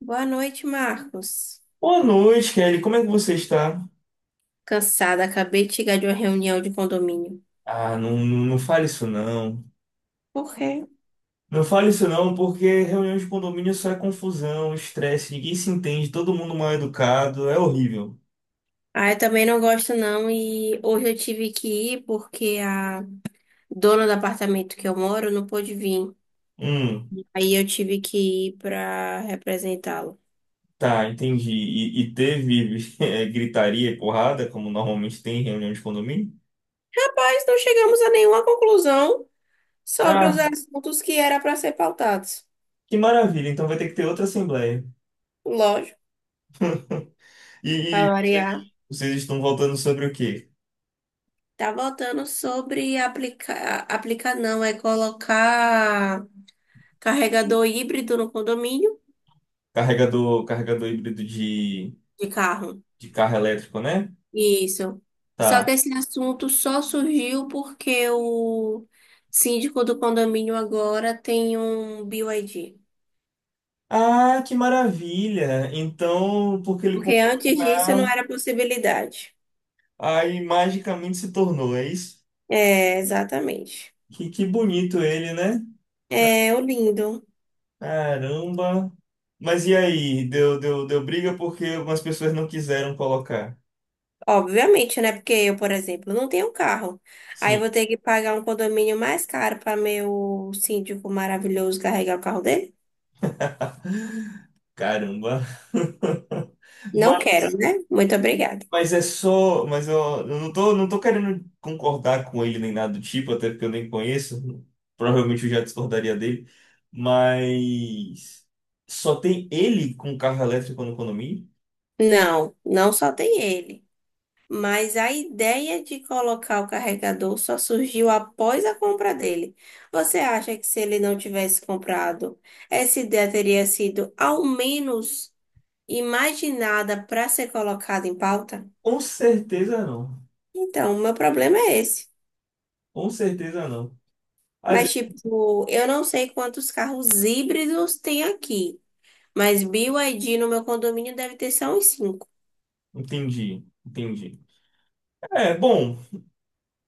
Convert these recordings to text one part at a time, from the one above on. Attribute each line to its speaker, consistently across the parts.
Speaker 1: Boa noite, Marcos.
Speaker 2: Boa noite, Kelly. Como é que você está?
Speaker 1: Cansada, acabei de chegar de uma reunião de condomínio.
Speaker 2: Ah, não, não, não fale isso não.
Speaker 1: Por quê?
Speaker 2: Não fale isso não, porque reunião de condomínio só é confusão, estresse, ninguém se entende, todo mundo mal educado, é horrível.
Speaker 1: Ah, eu também não gosto não e hoje eu tive que ir porque a dona do apartamento que eu moro não pôde vir.
Speaker 2: Hum,
Speaker 1: Aí eu tive que ir para representá-lo.
Speaker 2: tá, entendi. E teve gritaria e porrada, como normalmente tem em reunião de condomínio?
Speaker 1: Rapaz, não chegamos a nenhuma conclusão sobre os
Speaker 2: Ah,
Speaker 1: assuntos que era para ser pautados.
Speaker 2: que maravilha. Então vai ter que ter outra assembleia.
Speaker 1: Lógico,
Speaker 2: E,
Speaker 1: para
Speaker 2: e
Speaker 1: variar.
Speaker 2: vocês estão voltando sobre o quê?
Speaker 1: Tá voltando sobre aplicar, aplicar não, é colocar carregador híbrido no condomínio.
Speaker 2: Carregador híbrido de,
Speaker 1: De carro.
Speaker 2: de carro elétrico, né?
Speaker 1: Isso. Só que
Speaker 2: Tá.
Speaker 1: esse assunto só surgiu porque o síndico do condomínio agora tem um BYD.
Speaker 2: Ah, que maravilha! Então, porque ele
Speaker 1: Porque
Speaker 2: comprou o
Speaker 1: antes disso não
Speaker 2: carro,
Speaker 1: era possibilidade.
Speaker 2: aí magicamente se tornou, é isso?
Speaker 1: É, exatamente.
Speaker 2: Que bonito ele, né?
Speaker 1: É, o lindo.
Speaker 2: Caramba! Mas e aí? Deu briga porque algumas pessoas não quiseram colocar.
Speaker 1: Obviamente, né? Porque eu, por exemplo, não tenho carro. Aí eu
Speaker 2: Sim,
Speaker 1: vou ter que pagar um condomínio mais caro para meu síndico maravilhoso carregar o carro dele?
Speaker 2: caramba!
Speaker 1: Não quero, né? Muito obrigada.
Speaker 2: Mas é só. Mas eu não tô querendo concordar com ele nem nada do tipo, até porque eu nem conheço. Provavelmente eu já discordaria dele. Mas. Só tem ele com carro elétrico no condomínio?
Speaker 1: Não, não só tem ele. Mas a ideia de colocar o carregador só surgiu após a compra dele. Você acha que se ele não tivesse comprado, essa ideia teria sido ao menos imaginada para ser colocada em pauta?
Speaker 2: Com certeza não.
Speaker 1: Então, o meu problema é esse.
Speaker 2: Com certeza não. Mas eu
Speaker 1: Mas, tipo, eu não sei quantos carros híbridos tem aqui, mas BYD no meu condomínio deve ter só uns cinco.
Speaker 2: entendi, entendi. É, bom.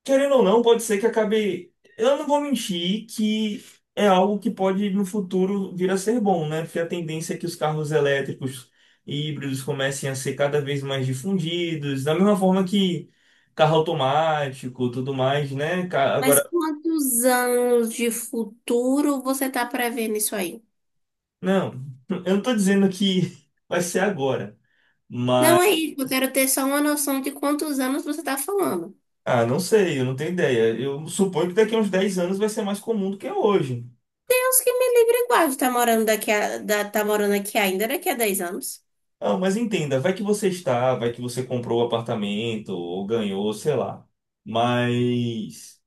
Speaker 2: Querendo ou não, pode ser que acabe. Eu não vou mentir que é algo que pode no futuro vir a ser bom, né? Porque a tendência é que os carros elétricos e híbridos comecem a ser cada vez mais difundidos, da mesma forma que carro automático, tudo mais, né? Agora,
Speaker 1: Mas quantos anos de futuro você está prevendo isso aí?
Speaker 2: não, eu não tô dizendo que vai ser agora, mas
Speaker 1: Não é isso, eu quero ter só uma noção de quantos anos você tá falando.
Speaker 2: ah, não sei, eu não tenho ideia. Eu suponho que daqui a uns 10 anos vai ser mais comum do que é hoje.
Speaker 1: Deus que me livre e guarde, tá morando daqui a, tá morando aqui ainda daqui a 10 anos.
Speaker 2: Ah, mas entenda, vai que você está, vai que você comprou o apartamento ou ganhou, sei lá. Mas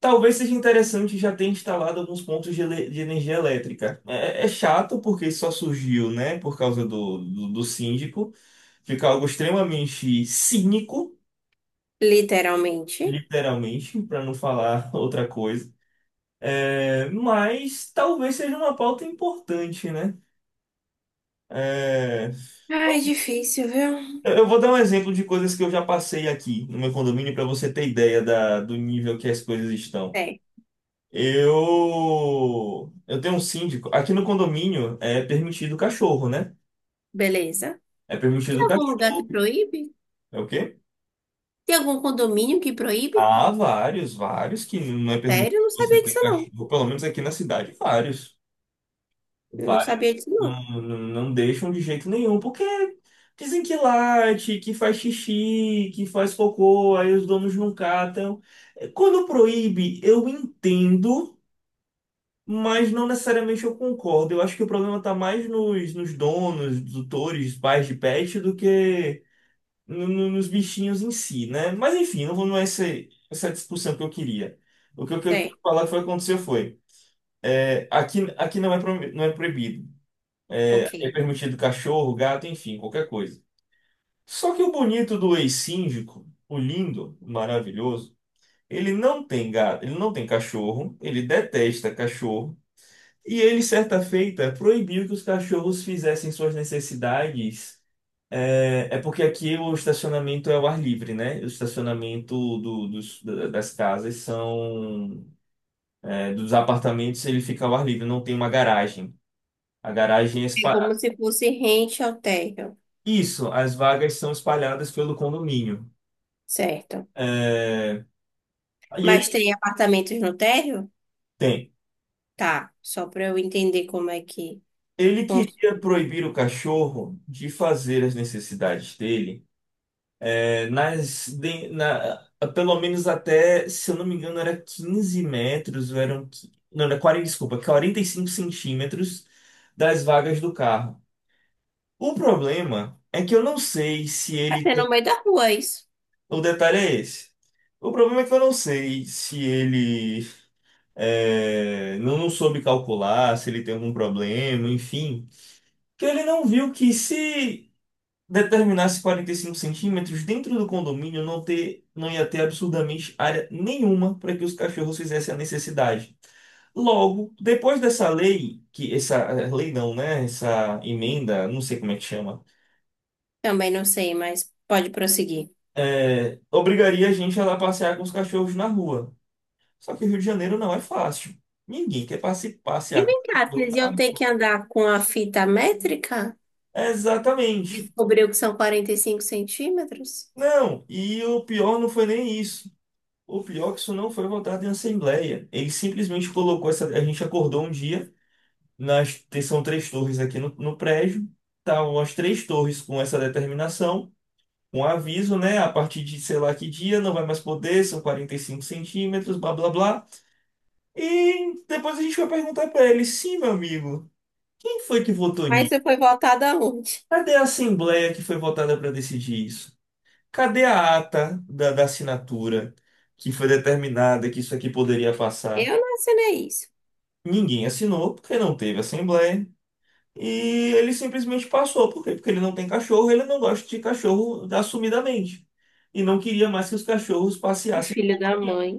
Speaker 2: talvez seja interessante já ter instalado alguns pontos de energia elétrica. É, é chato porque só surgiu, né, por causa do síndico. Fica algo extremamente cínico,
Speaker 1: Literalmente.
Speaker 2: literalmente, para não falar outra coisa. É, mas talvez seja uma pauta importante, né? É.
Speaker 1: Ai, difícil, viu?
Speaker 2: Eu vou dar um exemplo de coisas que eu já passei aqui no meu condomínio para você ter ideia do nível que as coisas estão.
Speaker 1: É,
Speaker 2: Eu tenho um síndico. Aqui no condomínio é permitido cachorro, né?
Speaker 1: beleza.
Speaker 2: É
Speaker 1: Tem
Speaker 2: permitido
Speaker 1: algum lugar que
Speaker 2: cachorro.
Speaker 1: proíbe?
Speaker 2: É o quê?
Speaker 1: Tem algum condomínio que proíbe?
Speaker 2: Há vários, vários que não é
Speaker 1: Sério,
Speaker 2: permitido
Speaker 1: eu não
Speaker 2: você
Speaker 1: sabia
Speaker 2: ter
Speaker 1: disso, não.
Speaker 2: cachorro, pelo menos aqui na cidade, vários.
Speaker 1: Eu não
Speaker 2: Vários.
Speaker 1: sabia disso, não.
Speaker 2: Não, não, não deixam de jeito nenhum, porque dizem que late, que faz xixi, que faz cocô, aí os donos não catam. É, quando proíbe, eu entendo, mas não necessariamente eu concordo. Eu acho que o problema está mais nos donos, tutores, pais de pet, do que nos bichinhos em si, né? Mas enfim, não, não é essa discussão que eu queria. O que eu queria
Speaker 1: Certo,
Speaker 2: falar que foi acontecer foi, aqui não é proibido. É, é
Speaker 1: ok.
Speaker 2: permitido cachorro, gato, enfim, qualquer coisa. Só que o bonito do ex-síndico, o lindo, o maravilhoso, ele não tem gato, ele não tem cachorro, ele detesta cachorro, e ele, certa feita, proibiu que os cachorros fizessem suas necessidades. É, é porque aqui o estacionamento é ao ar livre, né? O estacionamento das casas são, dos apartamentos, ele fica ao ar livre, não tem uma garagem. A garagem é.
Speaker 1: É como se fosse rente ao térreo.
Speaker 2: Isso, as vagas são espalhadas pelo condomínio.
Speaker 1: Certo.
Speaker 2: É. E ele
Speaker 1: Mas tem apartamentos no térreo?
Speaker 2: tem.
Speaker 1: Tá, só para eu entender como é que
Speaker 2: Ele
Speaker 1: funciona.
Speaker 2: queria proibir o cachorro de fazer as necessidades dele, é, nas, de- na, pelo menos até, se eu não me engano, era 15 metros, ou eram, não, era 45 centímetros das vagas do carro. O problema é que eu não sei se ele
Speaker 1: É no
Speaker 2: tem.
Speaker 1: meio da rua, é isso?
Speaker 2: O detalhe é esse. O problema é que eu não sei se ele não, não soube calcular se ele tem algum problema, enfim. Que ele não viu que se determinasse 45 centímetros dentro do condomínio não ter, não ia ter absurdamente área nenhuma para que os cachorros fizessem a necessidade. Logo, depois dessa lei, que essa lei não, né? Essa emenda, não sei como é que chama,
Speaker 1: Também não sei, mas pode prosseguir.
Speaker 2: obrigaria a gente a lá passear com os cachorros na rua. Só que o Rio de Janeiro não é fácil. Ninguém quer passe-
Speaker 1: E
Speaker 2: passear com
Speaker 1: vem
Speaker 2: o
Speaker 1: cá,
Speaker 2: cachorro
Speaker 1: vocês
Speaker 2: na
Speaker 1: iam ter
Speaker 2: rua.
Speaker 1: que andar com a fita métrica?
Speaker 2: Exatamente.
Speaker 1: Descobriu que são 45 centímetros?
Speaker 2: Não, e o pior não foi nem isso. O pior é que isso não foi votado em assembleia. Ele simplesmente colocou essa. A gente acordou um dia, são três torres aqui no prédio, estavam as três torres com essa determinação, um aviso, né? A partir de sei lá que dia, não vai mais poder, são 45 centímetros, blá blá blá. E depois a gente vai perguntar para ele: sim, meu amigo, quem foi que votou
Speaker 1: Mas
Speaker 2: nisso?
Speaker 1: você foi voltada aonde?
Speaker 2: Cadê a assembleia que foi votada para decidir isso. Cadê a ata da assinatura que foi determinada que isso aqui poderia passar?
Speaker 1: Eu não assinei isso.
Speaker 2: Ninguém assinou porque não teve assembleia. E ele simplesmente passou. Por quê? Porque ele não tem cachorro, ele não gosta de cachorro assumidamente. E não queria mais que os cachorros
Speaker 1: E
Speaker 2: passeassem.
Speaker 1: filho da mãe.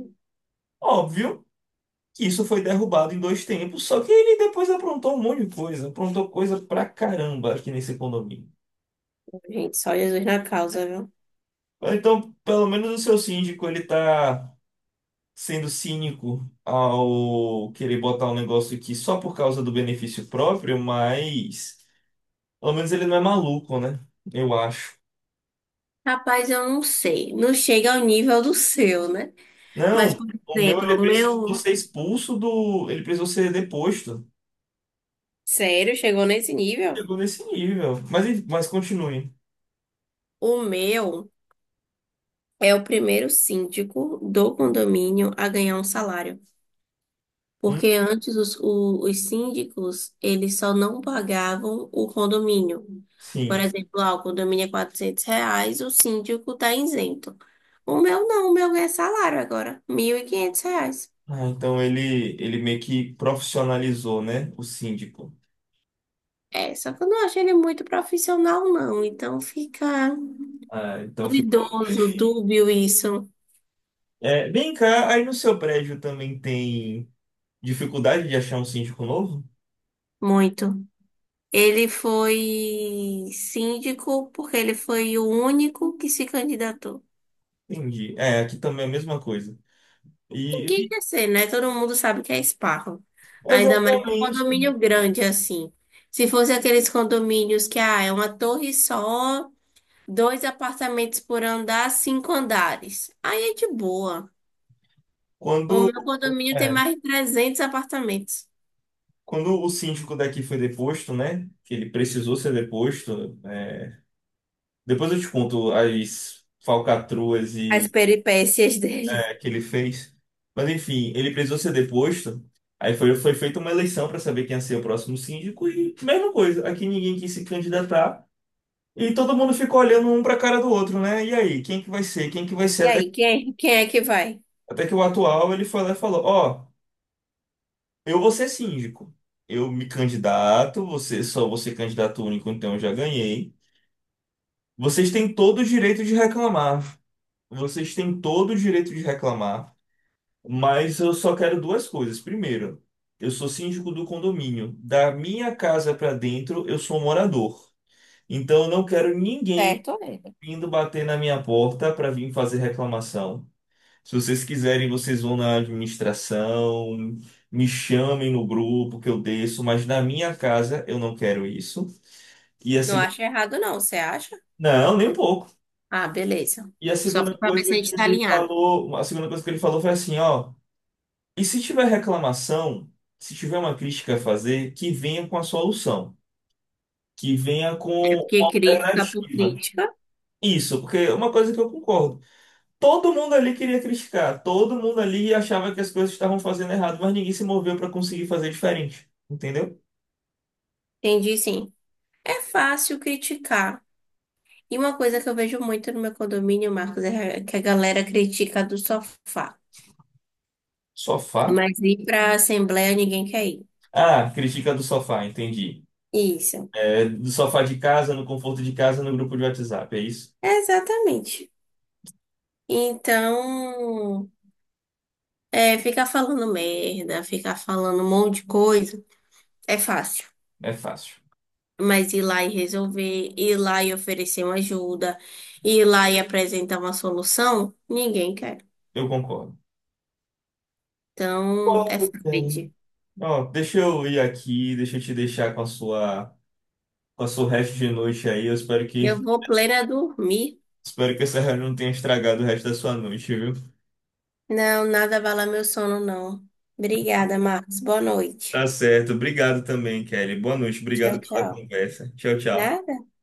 Speaker 2: Óbvio que isso foi derrubado em dois tempos, só que ele depois aprontou um monte de coisa. Aprontou coisa pra caramba aqui nesse condomínio.
Speaker 1: Gente, só Jesus na causa, viu?
Speaker 2: Então, pelo menos o seu síndico, ele tá sendo cínico ao querer botar um negócio aqui só por causa do benefício próprio, mas pelo menos ele não é maluco, né? Eu acho.
Speaker 1: Rapaz, eu não sei. Não chega ao nível do seu, né? Mas,
Speaker 2: Não,
Speaker 1: por
Speaker 2: o meu
Speaker 1: exemplo, o
Speaker 2: ele precisou
Speaker 1: meu.
Speaker 2: ser expulso do. Ele precisou ser deposto.
Speaker 1: Sério, chegou nesse nível?
Speaker 2: Chegou nesse nível. Mas, enfim, mas continue.
Speaker 1: O meu é o primeiro síndico do condomínio a ganhar um salário.
Speaker 2: Hum,
Speaker 1: Porque antes os síndicos, eles só não pagavam o condomínio. Por
Speaker 2: sim.
Speaker 1: exemplo, ah, o condomínio é R$ 400, o síndico tá isento. O meu não, o meu é salário agora, R$ 1.500.
Speaker 2: Ah, então ele meio que profissionalizou, né? O síndico.
Speaker 1: É, só que eu não acho ele muito profissional, não. Então fica
Speaker 2: Ah, então ficou.
Speaker 1: duvidoso, dúbio isso,
Speaker 2: É, vem cá, aí no seu prédio também tem dificuldade de achar um síndico novo?
Speaker 1: muito. Ele foi síndico porque ele foi o único que se candidatou.
Speaker 2: Entendi. É, aqui também é a mesma coisa.
Speaker 1: Ninguém
Speaker 2: E
Speaker 1: quer ser, né? Todo mundo sabe que é esparro. Ainda mais um
Speaker 2: exatamente
Speaker 1: condomínio grande assim. Se fosse aqueles condomínios que ah, é uma torre só, dois apartamentos por andar, cinco andares. Aí é de boa. O
Speaker 2: quando,
Speaker 1: meu condomínio tem
Speaker 2: é,
Speaker 1: mais de 300 apartamentos.
Speaker 2: quando o síndico daqui foi deposto, né? Que ele precisou ser deposto. Depois eu te conto as falcatruas
Speaker 1: As
Speaker 2: e
Speaker 1: peripécias dele.
Speaker 2: que ele fez. Mas enfim, ele precisou ser deposto. Aí foi feita uma eleição para saber quem ia ser o próximo síndico e mesma coisa. Aqui ninguém quis se candidatar e todo mundo ficou olhando um para a cara do outro, né? E aí, quem que vai ser? Quem que vai ser?
Speaker 1: E
Speaker 2: Até
Speaker 1: aí, quem é que vai?
Speaker 2: até que o atual ele foi lá e falou, ó, eu vou ser síndico. Eu me candidato, você só você candidato único, então eu já ganhei. Vocês têm todo o direito de reclamar. Vocês têm todo o direito de reclamar, mas eu só quero duas coisas. Primeiro, eu sou síndico do condomínio. Da minha casa para dentro, eu sou morador. Então eu não quero ninguém
Speaker 1: Certo, ele.
Speaker 2: vindo bater na minha porta para vir fazer reclamação. Se vocês quiserem, vocês vão na administração, me chamem no grupo que eu desço, mas na minha casa eu não quero isso. E a
Speaker 1: Não
Speaker 2: segunda,
Speaker 1: acho errado, não. Você acha?
Speaker 2: não, nem um pouco.
Speaker 1: Ah, beleza.
Speaker 2: E a
Speaker 1: Só
Speaker 2: segunda
Speaker 1: pra saber se
Speaker 2: coisa
Speaker 1: a
Speaker 2: que
Speaker 1: gente tá
Speaker 2: ele
Speaker 1: alinhado.
Speaker 2: falou, a segunda coisa que ele falou foi assim, ó, e se tiver reclamação, se tiver uma crítica a fazer, que venha com a solução, que venha com
Speaker 1: É
Speaker 2: uma
Speaker 1: porque crítica por
Speaker 2: alternativa.
Speaker 1: crítica.
Speaker 2: Isso, porque é uma coisa que eu concordo. Todo mundo ali queria criticar, todo mundo ali achava que as coisas estavam fazendo errado, mas ninguém se moveu para conseguir fazer diferente, entendeu?
Speaker 1: Entendi, sim. É fácil criticar. E uma coisa que eu vejo muito no meu condomínio, Marcos, é que a galera critica do sofá.
Speaker 2: Sofá?
Speaker 1: Mas ir para a assembleia ninguém quer ir.
Speaker 2: Ah, crítica do sofá, entendi.
Speaker 1: Isso.
Speaker 2: É, do sofá de casa, no conforto de casa, no grupo de WhatsApp, é isso?
Speaker 1: Exatamente. Então, é, ficar falando merda, ficar falando um monte de coisa, é fácil.
Speaker 2: É fácil.
Speaker 1: Mas ir lá e resolver, ir lá e oferecer uma ajuda, ir lá e apresentar uma solução, ninguém quer.
Speaker 2: Eu concordo.
Speaker 1: Então, é
Speaker 2: Concordo, Kelly.
Speaker 1: Fred.
Speaker 2: Ó, deixa eu ir aqui, deixa eu te deixar com a sua, resto de noite aí. Eu espero que,
Speaker 1: Eu vou plena dormir.
Speaker 2: espero que essa reunião não tenha estragado o resto da sua noite, viu?
Speaker 1: Não, nada abala meu sono, não. Obrigada, Marcos. Boa noite.
Speaker 2: Tá certo. Obrigado também, Kelly. Boa noite.
Speaker 1: Tchau,
Speaker 2: Obrigado pela
Speaker 1: tchau.
Speaker 2: conversa. Tchau, tchau.
Speaker 1: Nada.